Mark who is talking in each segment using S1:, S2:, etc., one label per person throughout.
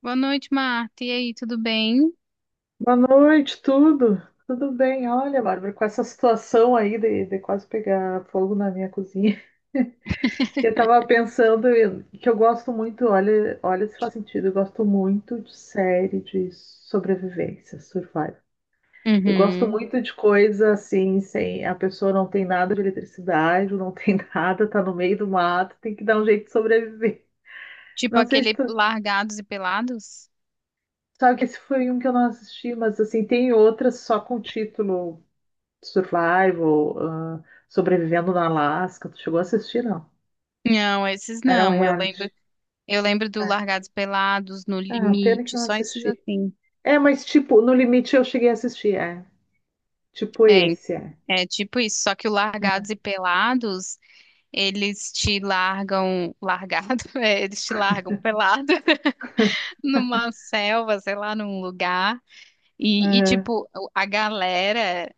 S1: Boa noite, Marta. E aí, tudo bem?
S2: Boa noite, tudo? Tudo bem? Olha, Bárbara, com essa situação aí de quase pegar fogo na minha cozinha, eu tava pensando que eu gosto muito, olha, olha se faz sentido, eu gosto muito de série de sobrevivência, survival. Eu gosto
S1: Uhum.
S2: muito de coisa assim, sem a pessoa não tem nada de eletricidade, não tem nada, tá no meio do mato, tem que dar um jeito de sobreviver.
S1: Tipo
S2: Não sei se
S1: aquele
S2: tu
S1: Largados e Pelados?
S2: sabe que esse foi um que eu não assisti, mas assim, tem outras só com título. Survival, Sobrevivendo na Alasca. Tu chegou a assistir, não?
S1: Não, esses
S2: Era um
S1: não. Eu
S2: reality.
S1: lembro, eu lembro do
S2: É.
S1: Largados e Pelados, No
S2: Ah, pena que
S1: Limite,
S2: não
S1: só esses
S2: assisti.
S1: assim.
S2: É, mas tipo, No Limite eu cheguei a assistir, é. Tipo
S1: É,
S2: esse, é.
S1: é tipo isso, só que o Largados e Pelados, eles te largam largado, é, eles te largam pelado numa selva, sei lá, num lugar. E
S2: Uhum.
S1: tipo, a galera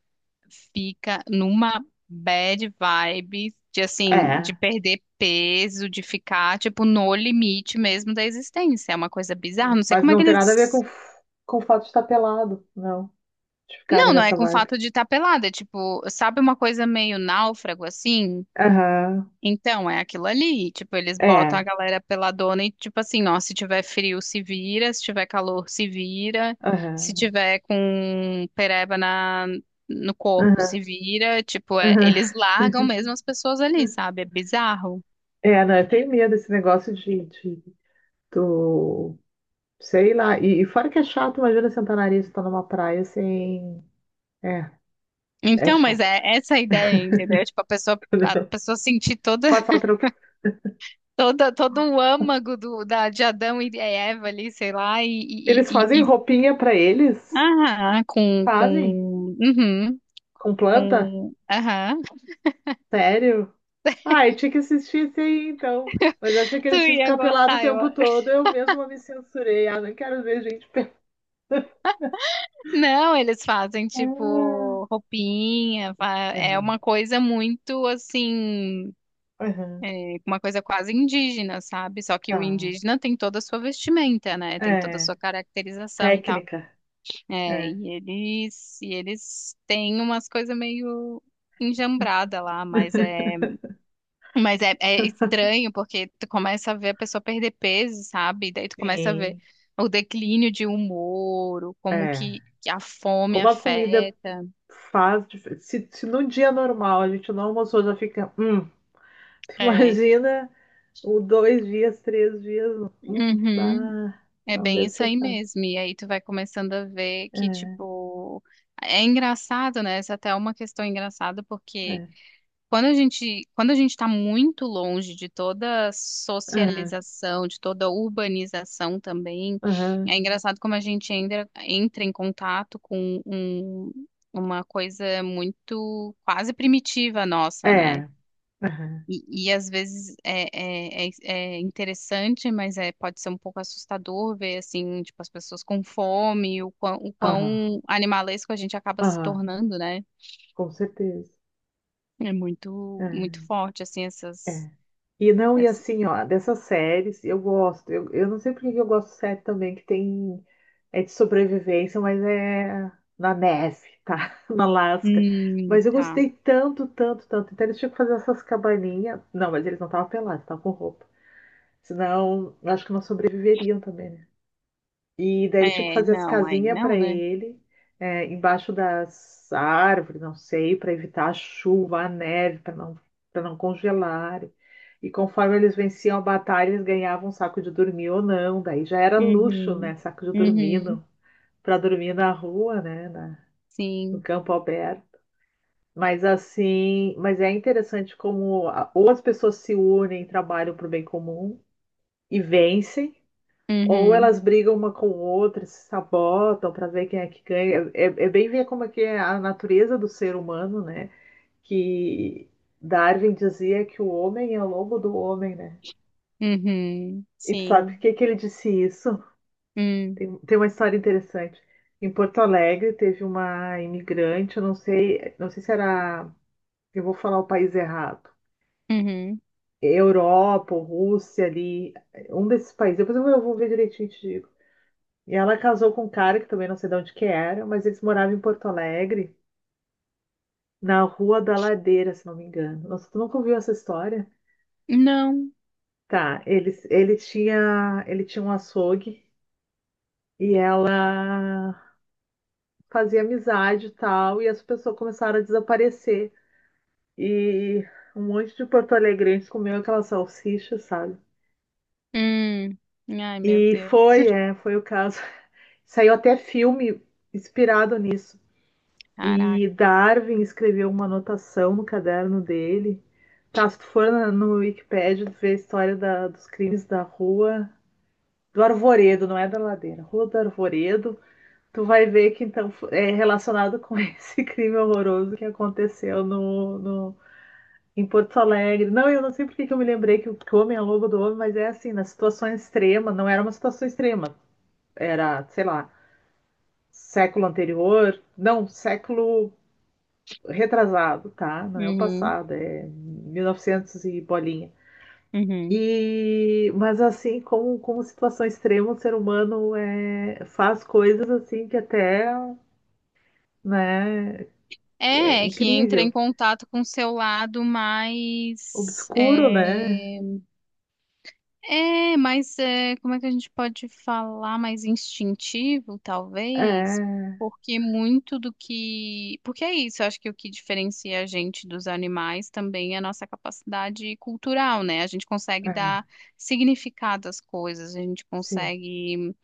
S1: fica numa bad vibe de assim, de
S2: É,
S1: perder peso, de ficar tipo no limite mesmo da existência. É uma coisa bizarra, não sei
S2: mas
S1: como é
S2: não
S1: que
S2: tem nada a ver com,
S1: eles.
S2: com o fato de estar pelado, não. De ficarem
S1: Não, não é
S2: nessa
S1: com o
S2: vibe.
S1: fato de estar pelada, é tipo, sabe uma coisa meio náufrago assim?
S2: Aham,
S1: Então, é aquilo ali. Tipo, eles botam a
S2: é,
S1: galera peladona e, tipo assim, ó, se tiver frio, se vira, se tiver calor, se vira, se
S2: aham,
S1: tiver com pereba na, no corpo,
S2: aham,
S1: se vira. Tipo,
S2: aham.
S1: eles largam mesmo as pessoas ali, sabe? É bizarro.
S2: É, não, eu tenho medo desse negócio de do, sei lá, e fora que é chato, imagina sentar nariz e estar numa praia sem, é. É
S1: Então, mas
S2: chato.
S1: é essa a ideia, entendeu? Tipo, a pessoa sentir toda,
S2: Passa outro.
S1: toda, todo o âmago do, da, de Adão e Eva ali, sei lá,
S2: Eles fazem roupinha pra eles?
S1: ah,
S2: Fazem?
S1: com, uhum,
S2: Com planta?
S1: com, aham.
S2: Sério? Ai, tinha que assistir isso aí então. Mas eu achei que
S1: Tu
S2: eles iam
S1: ia
S2: ficar pelados o
S1: gostar, eu...
S2: tempo todo. Eu mesma me censurei. Ah, não quero ver gente pelada.
S1: Não, eles fazem
S2: Ah,
S1: tipo roupinha, é
S2: aham,
S1: uma coisa muito assim,
S2: aham,
S1: é, uma coisa quase indígena, sabe? Só que o
S2: tá.
S1: indígena tem toda a sua vestimenta, né? Tem toda a
S2: É,
S1: sua caracterização e tal.
S2: técnica.
S1: É,
S2: É.
S1: e eles têm umas coisas meio enjambrada lá, mas é. Mas é, é estranho porque tu começa a ver a pessoa perder peso, sabe? E daí tu começa a ver
S2: Sim.
S1: o declínio de humor, o como
S2: É.
S1: que a fome
S2: Como a comida
S1: afeta.
S2: faz. Se, se no dia normal a gente não almoçou, já fica. Tu
S1: É.
S2: imagina ou dois dias, três dias, um,
S1: Uhum.
S2: pá.
S1: É
S2: Não
S1: bem
S2: deve
S1: isso
S2: ser
S1: aí
S2: fácil.
S1: mesmo. E aí tu vai começando a ver que,
S2: É,
S1: tipo, é engraçado, né? Essa até é uma questão engraçada, porque
S2: é,
S1: quando a gente está muito longe de toda
S2: é,
S1: socialização, de toda urbanização também,
S2: aham,
S1: é engraçado como a gente ainda entra em contato com uma coisa muito quase primitiva nossa,
S2: é,
S1: né?
S2: aham,
S1: E às vezes é, é, interessante, mas é, pode ser um pouco assustador ver assim, tipo, as pessoas com fome, o quão, o
S2: aham,
S1: quão animalesco a gente acaba se
S2: aham,
S1: tornando, né?
S2: com certeza.
S1: É muito, muito
S2: É,
S1: forte, assim, essas.
S2: é. E não, e assim, ó, dessas séries, eu gosto. Eu não sei por que que eu gosto de série também, que tem. É de sobrevivência, mas é na neve, tá? na Alasca. Mas eu
S1: Tá.
S2: gostei tanto, tanto, tanto. Então eles tinham que fazer essas cabaninhas. Não, mas eles não estavam pelados, estavam com roupa. Senão, eu acho que não sobreviveriam também, né? E daí eles tinham que
S1: É,
S2: fazer as
S1: não, aí
S2: casinhas para
S1: não, né?
S2: ele, é, embaixo das árvores, não sei, para evitar a chuva, a neve, para não congelar. E conforme eles venciam a batalha, eles ganhavam um saco de dormir ou não. Daí já era luxo,
S1: Uhum.
S2: né? Saco de dormir
S1: Uhum.
S2: para dormir na rua, né? No
S1: Sim.
S2: campo aberto. Mas assim, mas é interessante como ou as pessoas se unem, trabalham para o bem comum e vencem. Ou
S1: Uhum.
S2: elas brigam uma com outra, se sabotam para ver quem é que ganha. É, é bem ver como é que é a natureza do ser humano, né? Que Darwin dizia que o homem é o lobo do homem, né?
S1: Uhum.
S2: E tu sabe por
S1: Sim.
S2: que que ele disse isso?
S1: Hum.
S2: Tem uma história interessante. Em Porto Alegre teve uma imigrante, eu não sei, não sei se era, eu vou falar o país errado.
S1: Uhum.
S2: Europa, Rússia ali, um desses países. Depois eu vou ver direitinho e te digo. E ela casou com um cara que também não sei de onde que era, mas eles moravam em Porto Alegre, na Rua da Ladeira, se não me engano. Nossa, tu nunca ouviu essa história?
S1: Não.
S2: Tá, eles, ele tinha um açougue e ela fazia amizade e tal, e as pessoas começaram a desaparecer. E um monte de porto-alegrenses comeu aquela salsicha, sabe?
S1: Hum. Ai, meu
S2: E
S1: Deus.
S2: foi, é, foi o caso. Saiu até filme inspirado nisso. E
S1: Caraca.
S2: Darwin escreveu uma anotação no caderno dele. Tá, se tu for no Wikipedia, tu vê a história dos crimes da rua do Arvoredo, não é da ladeira, Rua do Arvoredo. Tu vai ver que então é relacionado com esse crime horroroso que aconteceu em Porto Alegre. Não, eu não sei por que que eu me lembrei que o homem é lobo do homem, mas é assim, na situação extrema, não era uma situação extrema, era, sei lá, século anterior, não, século retrasado, tá? Não é o
S1: Uhum.
S2: passado, é 1900 e novecentos e bolinha.
S1: Uhum.
S2: E, mas assim, como, como situação extrema, o ser humano é, faz coisas assim que até, né, é
S1: É, é que entra em
S2: incrível,
S1: contato com o seu lado mais,
S2: obscuro, né?
S1: é. É, mas é, como é que a gente pode falar mais instintivo, talvez?
S2: É,
S1: Porque muito do que. Porque é isso, eu acho que o que diferencia a gente dos animais também é a nossa capacidade cultural, né? A gente consegue
S2: é,
S1: dar significado às coisas, a gente
S2: sim,
S1: consegue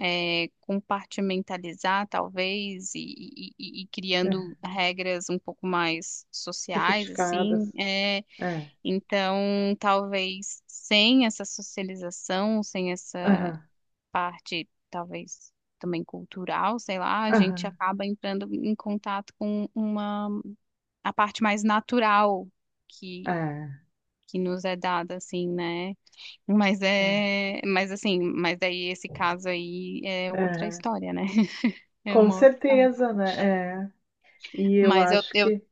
S1: é, compartimentalizar, talvez, e
S2: é,
S1: criando regras um pouco mais sociais, assim.
S2: sofisticadas,
S1: É,
S2: é,
S1: então, talvez sem essa socialização, sem essa
S2: aham,
S1: parte, talvez também cultural, sei lá, a gente
S2: aham,
S1: acaba entrando em contato com uma a parte mais natural que
S2: é,
S1: que nos é dada assim, né? Mas
S2: é,
S1: é, mas assim, mas daí esse caso aí é outra
S2: é,
S1: história, né? É
S2: com
S1: uma outra história.
S2: certeza, né? É, e eu
S1: Mas eu,
S2: acho
S1: eu
S2: que,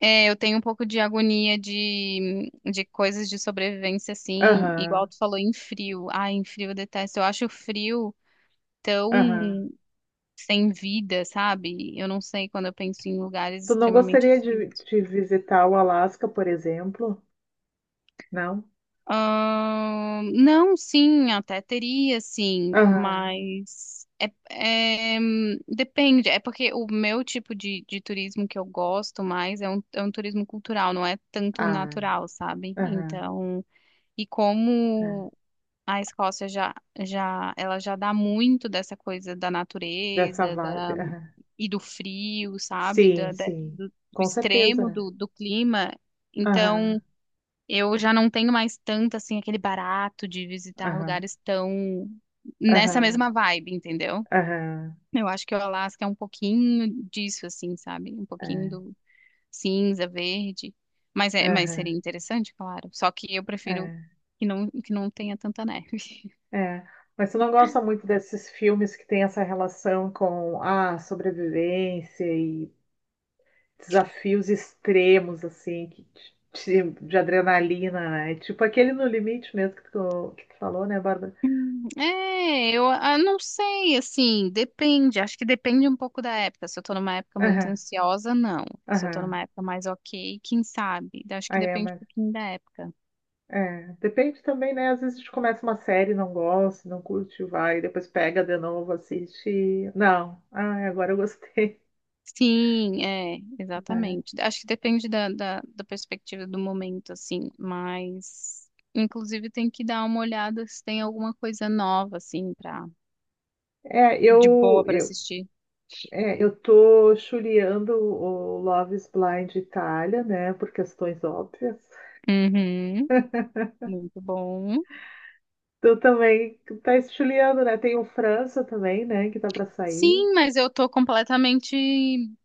S1: é, eu tenho um pouco de agonia de coisas de sobrevivência, assim,
S2: aham,
S1: igual tu falou, em frio. Ai, em frio eu detesto. Eu acho o frio tão
S2: aham.
S1: sem vida, sabe? Eu não sei quando eu penso em lugares
S2: Tu não
S1: extremamente
S2: gostaria
S1: frios.
S2: de visitar o Alasca, por exemplo? Não?
S1: Não, sim, até teria, sim,
S2: Aham,
S1: mas é, é, depende. É porque o meu tipo de turismo que eu gosto mais é um turismo cultural, não é tanto
S2: ah,
S1: natural, sabe?
S2: aham,
S1: Então. E como
S2: é.
S1: a Escócia já, já, ela já dá muito dessa coisa da
S2: Dessa
S1: natureza,
S2: vibe.
S1: da,
S2: Aham.
S1: e do frio, sabe?
S2: Sim,
S1: Da,
S2: sim.
S1: do, do
S2: Com certeza,
S1: extremo
S2: né?
S1: do, do clima. Então,
S2: Aham,
S1: eu já não tenho mais tanto, assim, aquele barato de visitar
S2: aham,
S1: lugares tão nessa
S2: aham,
S1: mesma vibe, entendeu?
S2: aham,
S1: Eu acho que o Alasca é um pouquinho disso, assim, sabe? Um pouquinho
S2: é,
S1: do, cinza, verde. Mas, é, mas
S2: aham,
S1: seria interessante, claro. Só que eu prefiro
S2: é,
S1: que não tenha tanta neve.
S2: é. Mas tu não gosta muito desses filmes que tem essa relação com a sobrevivência e desafios extremos, assim, que de adrenalina, né? Tipo aquele No Limite mesmo que tu falou, né, Bárbara?
S1: É, eu ah, não sei, assim, depende. Acho que depende um pouco da época. Se eu tô numa época muito
S2: Aham,
S1: ansiosa, não. Se eu tô
S2: aham.
S1: numa época mais ok, quem sabe? Acho que
S2: Aí é,
S1: depende um
S2: mas.
S1: pouquinho da época.
S2: É, depende também, né? Às vezes a gente começa uma série, não gosta, não curte, vai, depois pega de novo, assiste. Não, ah, agora eu gostei.
S1: Sim, é,
S2: né?
S1: exatamente. Acho que depende da, da, da perspectiva do momento, assim, mas inclusive tem que dar uma olhada se tem alguma coisa nova, assim, pra
S2: É,
S1: de boa pra assistir.
S2: é, eu tô chuleando o Love is Blind Itália, né? Por questões óbvias.
S1: Uhum. Muito bom.
S2: Tu também tá chuleando, né? Tem o França também, né? Que tá pra sair.
S1: Sim, mas eu tô completamente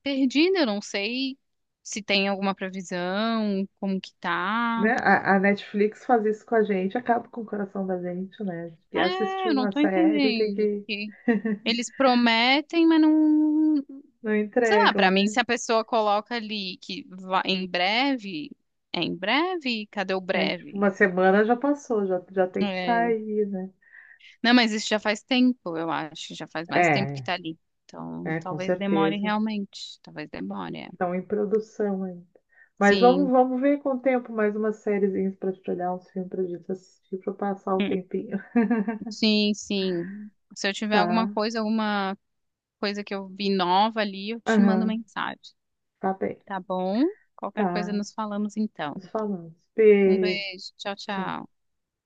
S1: perdida, eu não sei se tem alguma previsão, como que tá.
S2: Né? A Netflix faz isso com a gente, acaba com o coração da gente, né? E assistir
S1: É, eu não
S2: uma
S1: tô
S2: série tem
S1: entendendo,
S2: que.
S1: porque eles prometem, mas não,
S2: Não
S1: sei lá,
S2: entregam,
S1: pra mim
S2: né?
S1: se a pessoa coloca ali que vai em breve, é em breve? Cadê o
S2: É, tipo,
S1: breve?
S2: uma semana já passou, já, já tem que estar
S1: É,
S2: aí, né?
S1: não, mas isso já faz tempo, eu acho, já faz mais tempo que
S2: É,
S1: tá ali. Então,
S2: é, com
S1: talvez demore
S2: certeza.
S1: realmente, talvez demore. É.
S2: Estão em produção ainda. Mas vamos,
S1: Sim,
S2: vamos ver com o tempo mais umas sériezinhas para te olhar, uns filmes pra gente assistir, para passar o
S1: hum,
S2: tempinho.
S1: sim, sim. Se eu tiver
S2: Tá?
S1: alguma coisa que eu vi nova ali, eu te mando
S2: Aham,
S1: mensagem,
S2: tá bem.
S1: tá bom? Qualquer coisa
S2: Tá.
S1: nos falamos então.
S2: Nos falamos.
S1: Um
S2: Beijo.
S1: beijo, tchau,
S2: Tchau.
S1: tchau.